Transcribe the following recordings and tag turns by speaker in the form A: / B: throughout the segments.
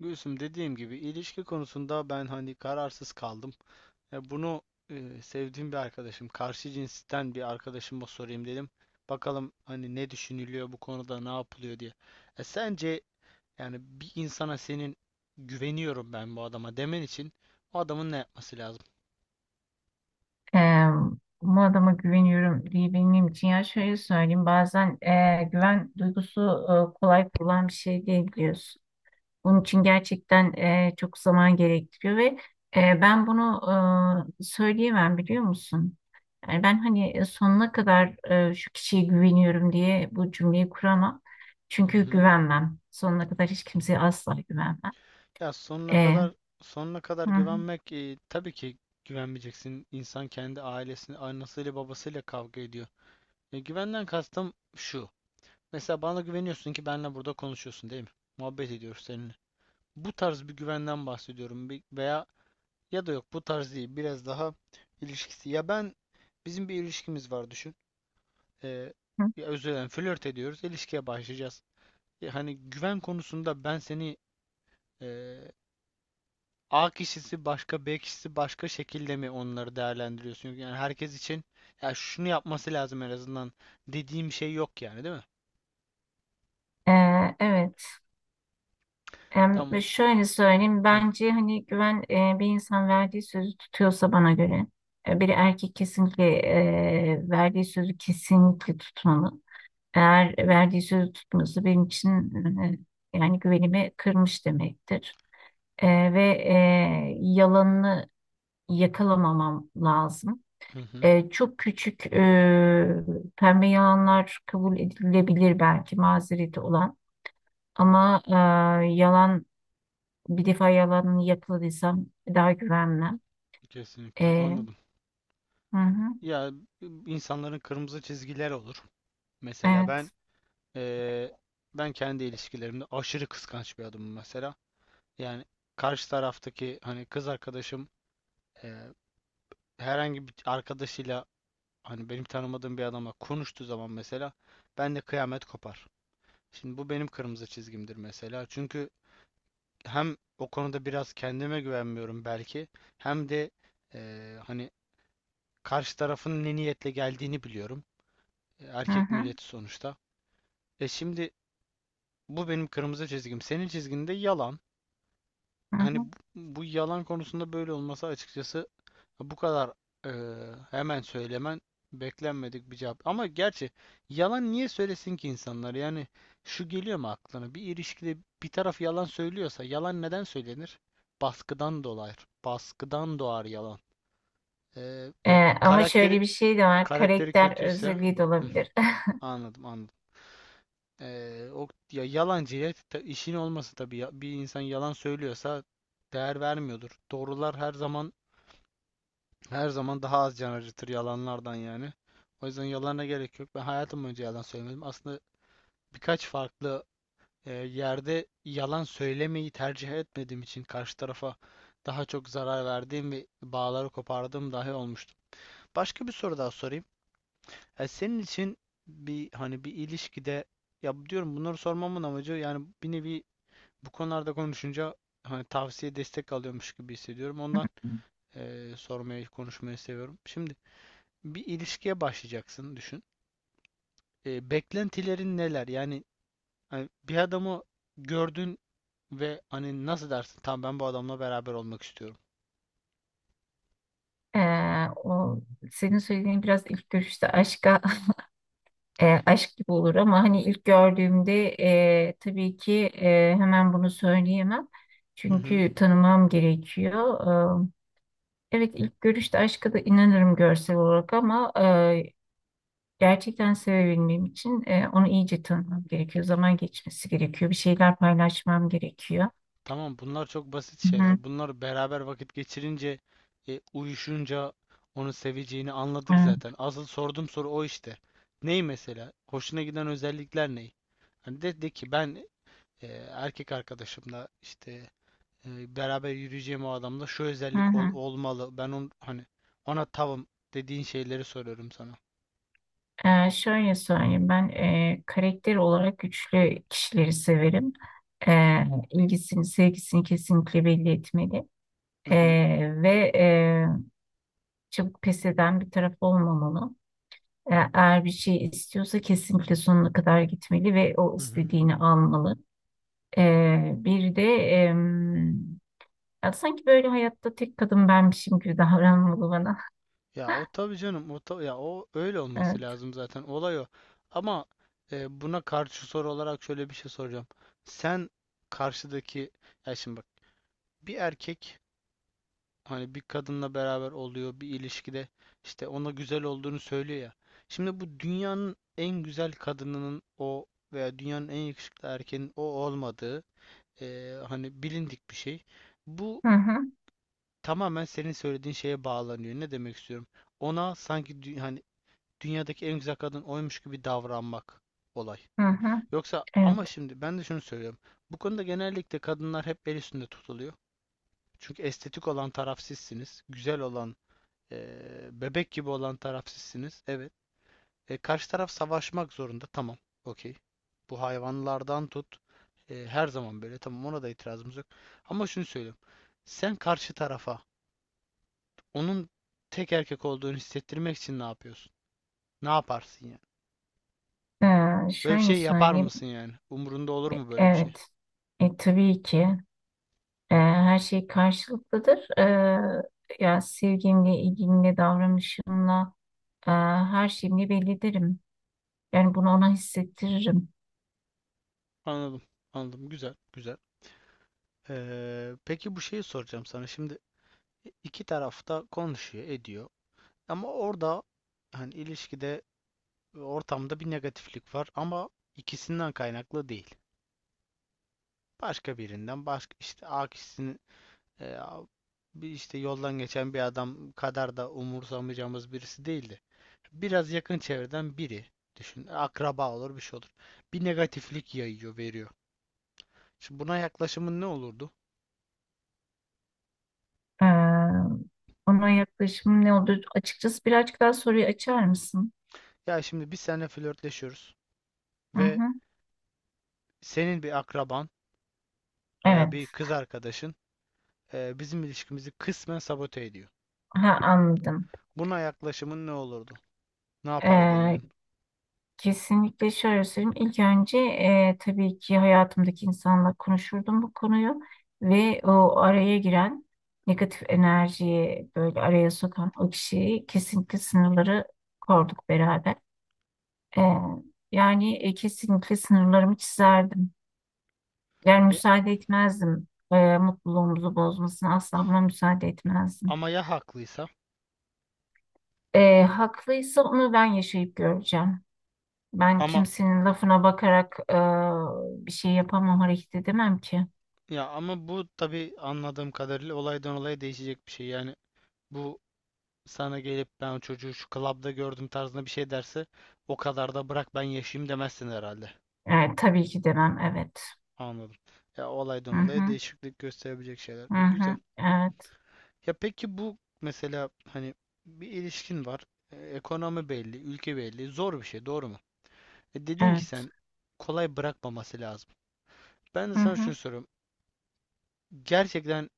A: Gülsüm, dediğim gibi, ilişki konusunda ben hani kararsız kaldım. E, bunu sevdiğim bir arkadaşım, karşı cinsten bir arkadaşıma sorayım dedim. Bakalım hani ne düşünülüyor bu konuda, ne yapılıyor diye. Sence yani bir insana senin güveniyorum ben bu adama demen için o adamın ne yapması lazım?
B: Eee, Bu adama güveniyorum diyebilmem için ya şöyle söyleyeyim, bazen güven duygusu kolay kurulan bir şey değil, biliyorsun. Bunun için gerçekten çok zaman gerektiriyor ve ben bunu söyleyemem, biliyor musun? Yani ben hani sonuna kadar şu kişiye güveniyorum diye bu cümleyi kuramam.
A: Hı
B: Çünkü
A: hı.
B: güvenmem. Sonuna kadar hiç kimseye asla güvenmem.
A: Ya sonuna
B: Eee,
A: kadar sonuna kadar
B: hı hı.
A: güvenmek, tabii ki güvenmeyeceksin. İnsan kendi ailesini, annesiyle babasıyla kavga ediyor. Güvenden kastım şu. Mesela bana güveniyorsun ki benle burada konuşuyorsun değil mi? Muhabbet ediyoruz seninle. Bu tarz bir güvenden bahsediyorum. Bir- veya ya da yok, bu tarz değil, biraz daha ilişkisi. Ya bizim bir ilişkimiz var düşün. Ee,
B: hı.
A: Ya, özür dilerim, flört ediyoruz, ilişkiye başlayacağız. Ya hani güven konusunda e, A kişisi başka, B kişisi başka şekilde mi onları değerlendiriyorsun? Yani herkes için ya şunu yapması lazım en azından dediğim şey yok yani, değil mi?
B: Evet. Ve
A: Tamam.
B: şöyle söyleyeyim,
A: Hı
B: bence hani güven, bir insan verdiği sözü tutuyorsa bana göre. Bir erkek kesinlikle verdiği sözü kesinlikle tutmalı. Eğer verdiği sözü tutmuyorsa benim için, e, yani güvenimi kırmış demektir. E, ve yalanını yakalamamam lazım.
A: hı. Hı.
B: Çok küçük, pembe yalanlar kabul edilebilir, belki mazereti olan. Ama e, yalan bir defa yalanını yakaladıysam daha güvenmem.
A: Kesinlikle
B: Ee,
A: anladım.
B: hı hı,
A: Ya, insanların kırmızı çizgiler olur. Mesela
B: evet.
A: eee, ben kendi ilişkilerimde aşırı kıskanç bir adamım mesela. Yani karşı taraftaki hani kız arkadaşım, eee, herhangi bir arkadaşıyla, hani benim tanımadığım bir adamla konuştuğu zaman mesela, ben de kıyamet kopar. Şimdi bu benim kırmızı çizgimdir mesela. Çünkü hem o konuda biraz kendime güvenmiyorum belki, hem de hani karşı tarafın ne niyetle geldiğini biliyorum.
B: Hı
A: Erkek
B: hı,
A: milleti sonuçta. Şimdi, bu benim kırmızı çizgim. Senin çizginde yalan.
B: hı
A: Hani
B: hı.
A: bu yalan konusunda böyle olması, açıkçası bu kadar hemen söylemen, beklenmedik bir cevap. Ama gerçi yalan niye söylesin ki insanlar? Yani şu geliyor mu aklına? Bir ilişkide bir taraf yalan söylüyorsa yalan neden söylenir? Baskıdan dolayı. Baskıdan doğar yalan.
B: Ee,
A: Ya,
B: Ama
A: karakteri
B: şöyle bir şey de var.
A: karakteri
B: Karakter
A: kötüyse.
B: özelliği de
A: Hı,
B: olabilir.
A: anladım anladım. O ya yalancıya ta- işin olması tabii ya, bir insan yalan söylüyorsa değer vermiyordur. Doğrular her zaman, her zaman daha az can acıtır yalanlardan yani. O yüzden yalana gerek yok. Ben hayatım boyunca yalan söylemedim. Aslında birkaç farklı yerde yalan söylemeyi tercih etmediğim için karşı tarafa daha çok zarar verdiğim ve bağları kopardığım dahi olmuştu. Başka bir soru daha sorayım. Senin için hani bir ilişkide, ya, diyorum bunları sormamın amacı yani bir nevi, bu konularda konuşunca hani tavsiye, destek alıyormuş gibi hissediyorum. Ondan sormayı, konuşmayı seviyorum. Şimdi bir ilişkiye başlayacaksın düşün. Beklentilerin neler? Yani hani bir adamı gördün ve hani nasıl dersin? Tamam, ben bu adamla beraber olmak istiyorum.
B: O senin söylediğin biraz ilk görüşte aşka aşk gibi olur, ama hani ilk gördüğümde tabii ki hemen bunu söyleyemem.
A: Hı hı.
B: Çünkü tanımam gerekiyor. Ee, evet, ilk görüşte aşka da inanırım, görsel olarak, ama gerçekten sevebilmem için onu iyice tanımam gerekiyor. Zaman geçmesi gerekiyor. Bir şeyler paylaşmam gerekiyor.
A: Tamam, bunlar çok basit
B: Hı hı,
A: şeyler. Bunlar beraber vakit geçirince, uyuşunca onu seveceğini anladık zaten.
B: evet,
A: Asıl sorduğum soru o işte. Ney mesela? Hoşuna giden özellikler ney? Hani de ki ben, e, erkek arkadaşımla işte beraber yürüyeceğim o adamda şu
B: hı
A: özellik ol-
B: hı.
A: olmalı. Ben hani ona tavım dediğin şeyleri soruyorum sana.
B: Şöyle söyleyeyim, ben karakter olarak güçlü kişileri severim. E, ilgisini, sevgisini kesinlikle belli etmeli.
A: Hı
B: E,
A: hı.
B: ve çabuk pes eden bir taraf olmamalı. Eğer bir şey istiyorsa kesinlikle sonuna kadar gitmeli ve o
A: Hı hı.
B: istediğini almalı. Bir de... Ya sanki böyle hayatta tek kadın benmişim gibi davranmalı bana.
A: Ya o tabii canım, ya o öyle olması
B: Evet.
A: lazım zaten, olay o. Ama buna karşı soru olarak şöyle bir şey soracağım. Sen karşıdaki, ya şimdi bak, bir erkek hani bir kadınla beraber oluyor bir ilişkide, işte ona güzel olduğunu söylüyor ya. Şimdi bu dünyanın en güzel kadınının o veya dünyanın en yakışıklı erkeğinin o olmadığı, hani, bilindik bir şey. Bu
B: Hı hı,
A: tamamen senin söylediğin şeye bağlanıyor. Ne demek istiyorum? Ona sanki dü- hani dünyadaki en güzel kadın oymuş gibi davranmak olay.
B: hı hı.
A: Yoksa, ama
B: Evet.
A: şimdi ben de şunu söylüyorum. Bu konuda genellikle kadınlar hep el üstünde tutuluyor. Çünkü estetik olan taraf sizsiniz. Güzel olan, bebek gibi olan taraf sizsiniz. Evet. Karşı taraf savaşmak zorunda. Tamam. Okey. Bu hayvanlardan tut, her zaman böyle. Tamam, ona da itirazımız yok. Ama şunu söyleyeyim. Sen karşı tarafa onun tek erkek olduğunu hissettirmek için ne yapıyorsun? Ne yaparsın yani? Böyle bir
B: Şöyle
A: şey yapar
B: söyleyeyim.
A: mısın yani? Umurunda olur mu böyle bir şey?
B: Evet. Tabii ki her şey karşılıklıdır. Ya sevgimle, ilgimle, davranışımla, her şeyimle belli ederim. Yani bunu ona hissettiririm.
A: Anladım. Anladım. Güzel. Güzel. Peki, bu şeyi soracağım sana. Şimdi iki tarafta konuşuyor, ediyor. Ama orada hani ilişkide, ortamda bir negatiflik var ama ikisinden kaynaklı değil. Başka birinden, başka işte A kişisinin, e, bir işte yoldan geçen bir adam kadar da umursamayacağımız birisi değildi. Biraz yakın çevreden biri düşün. Akraba olur, bir şey olur. Bir negatiflik yayıyor, veriyor. Şimdi buna yaklaşımın ne olurdu?
B: Ee, Ona yaklaşımım ne olur? Açıkçası birazcık daha soruyu açar mısın?
A: Ya şimdi biz seninle flörtleşiyoruz
B: Hı
A: ve
B: hı.
A: senin bir akraban veya bir
B: Evet.
A: kız arkadaşın, bizim ilişkimizi kısmen sabote ediyor.
B: Ha, anladım.
A: Buna yaklaşımın ne olurdu? Ne yapardın
B: Ee,
A: yani?
B: Kesinlikle şöyle söyleyeyim. İlk önce tabii ki hayatımdaki insanla konuşurdum bu konuyu ve o araya giren negatif enerjiyi, böyle araya sokan o kişiyi, kesinlikle sınırları korduk beraber. E, yani kesinlikle sınırlarımı çizerdim. Yani
A: E,
B: müsaade etmezdim, mutluluğumuzu bozmasına asla buna müsaade etmezdim.
A: Ama ya haklıysa?
B: E, haklıysa onu ben yaşayıp göreceğim. Ben
A: Ama
B: kimsenin lafına bakarak bir şey yapamam, hareket edemem ki.
A: ama bu tabii anladığım kadarıyla olaydan olaya değişecek bir şey. Yani bu sana gelip ben o çocuğu şu klapta gördüm tarzında bir şey derse, o kadar da bırak ben yaşayayım demezsin herhalde.
B: Evet, tabii ki demem, evet.
A: Anladım. Ya
B: Hı
A: olaydan olaya
B: hı,
A: değişiklik gösterebilecek şeyler.
B: hı
A: Güzel.
B: hı, evet,
A: Ya peki, bu mesela hani bir ilişkin var. Ekonomi belli, ülke belli. Zor bir şey, doğru mu? Dedin ki
B: evet,
A: sen kolay bırakmaması lazım. Ben de
B: hı
A: sana şunu
B: hı,
A: soruyorum. Gerçekten,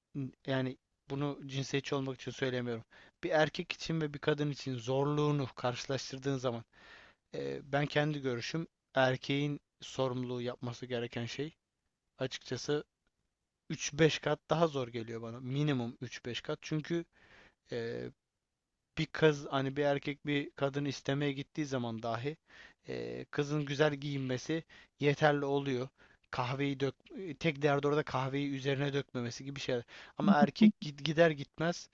A: yani bunu cinsiyetçi olmak için söylemiyorum. Bir erkek için ve bir kadın için zorluğunu karşılaştırdığın zaman, ben kendi görüşüm, erkeğin sorumluluğu yapması gereken şey açıkçası 3-5 kat daha zor geliyor bana. Minimum 3-5 kat. Çünkü e, bir kız, hani bir erkek bir kadını istemeye gittiği zaman dahi, kızın güzel giyinmesi yeterli oluyor. Kahveyi dök, tek derdi orada kahveyi üzerine dökmemesi gibi şeyler. Ama erkek gid- gider gitmez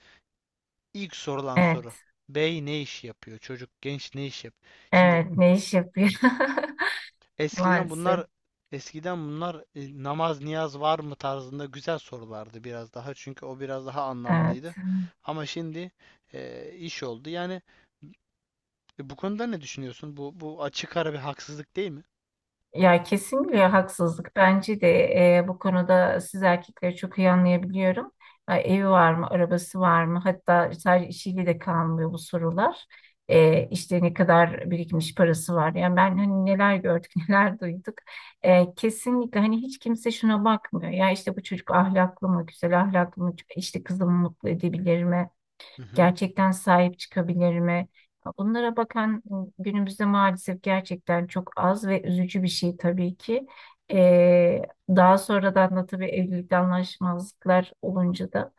A: ilk sorulan soru.
B: evet,
A: Bey ne iş yapıyor? Çocuk genç ne iş yap? Şimdi
B: evet, ne iş yapıyor?
A: eskiden
B: Maalesef,
A: bunlar, eskiden bunlar, namaz niyaz var mı tarzında güzel sorulardı biraz daha. Çünkü o biraz daha
B: evet.
A: anlamlıydı. Ama şimdi iş oldu. Yani bu konuda ne düşünüyorsun? Bu açık ara bir haksızlık değil mi?
B: Ya kesinlikle haksızlık. Bence de bu konuda siz erkekleri çok iyi anlayabiliyorum. Ha, evi var mı, arabası var mı? Hatta sadece işiyle de kalmıyor bu sorular. İşte ne kadar birikmiş parası var. Yani ben hani neler gördük, neler duyduk. Kesinlikle hani hiç kimse şuna bakmıyor. Ya işte bu çocuk ahlaklı mı, güzel ahlaklı mı? İşte kızımı mutlu edebilir mi?
A: Hı hı.
B: Gerçekten sahip çıkabilir mi? Bunlara bakan günümüzde maalesef gerçekten çok az ve üzücü bir şey tabii ki. Ee, Daha sonradan da tabii evlilikte anlaşmazlıklar olunca da,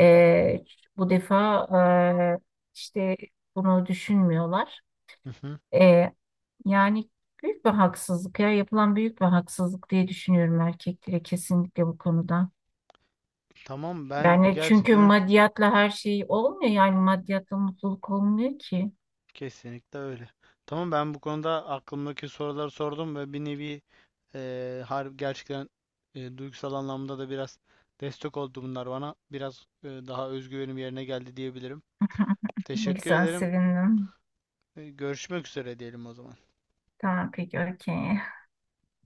B: ee, bu defa ee, işte bunu düşünmüyorlar.
A: Hı hı.
B: Ee, Yani büyük bir haksızlık, ya, yapılan büyük bir haksızlık diye düşünüyorum erkeklere kesinlikle bu konuda.
A: Tamam, ben
B: Yani çünkü
A: gerçekten
B: maddiyatla her şey olmuyor, yani maddiyatla mutluluk olmuyor ki.
A: kesinlikle öyle. Tamam, ben bu konuda aklımdaki soruları sordum ve bir nevi harbi, gerçekten, duygusal anlamda da biraz destek oldu bunlar bana. Biraz daha özgüvenim yerine geldi diyebilirim.
B: Ne
A: Teşekkür
B: güzel,
A: ederim.
B: sevindim.
A: Görüşmek üzere diyelim o zaman.
B: Tamam, peki, okey.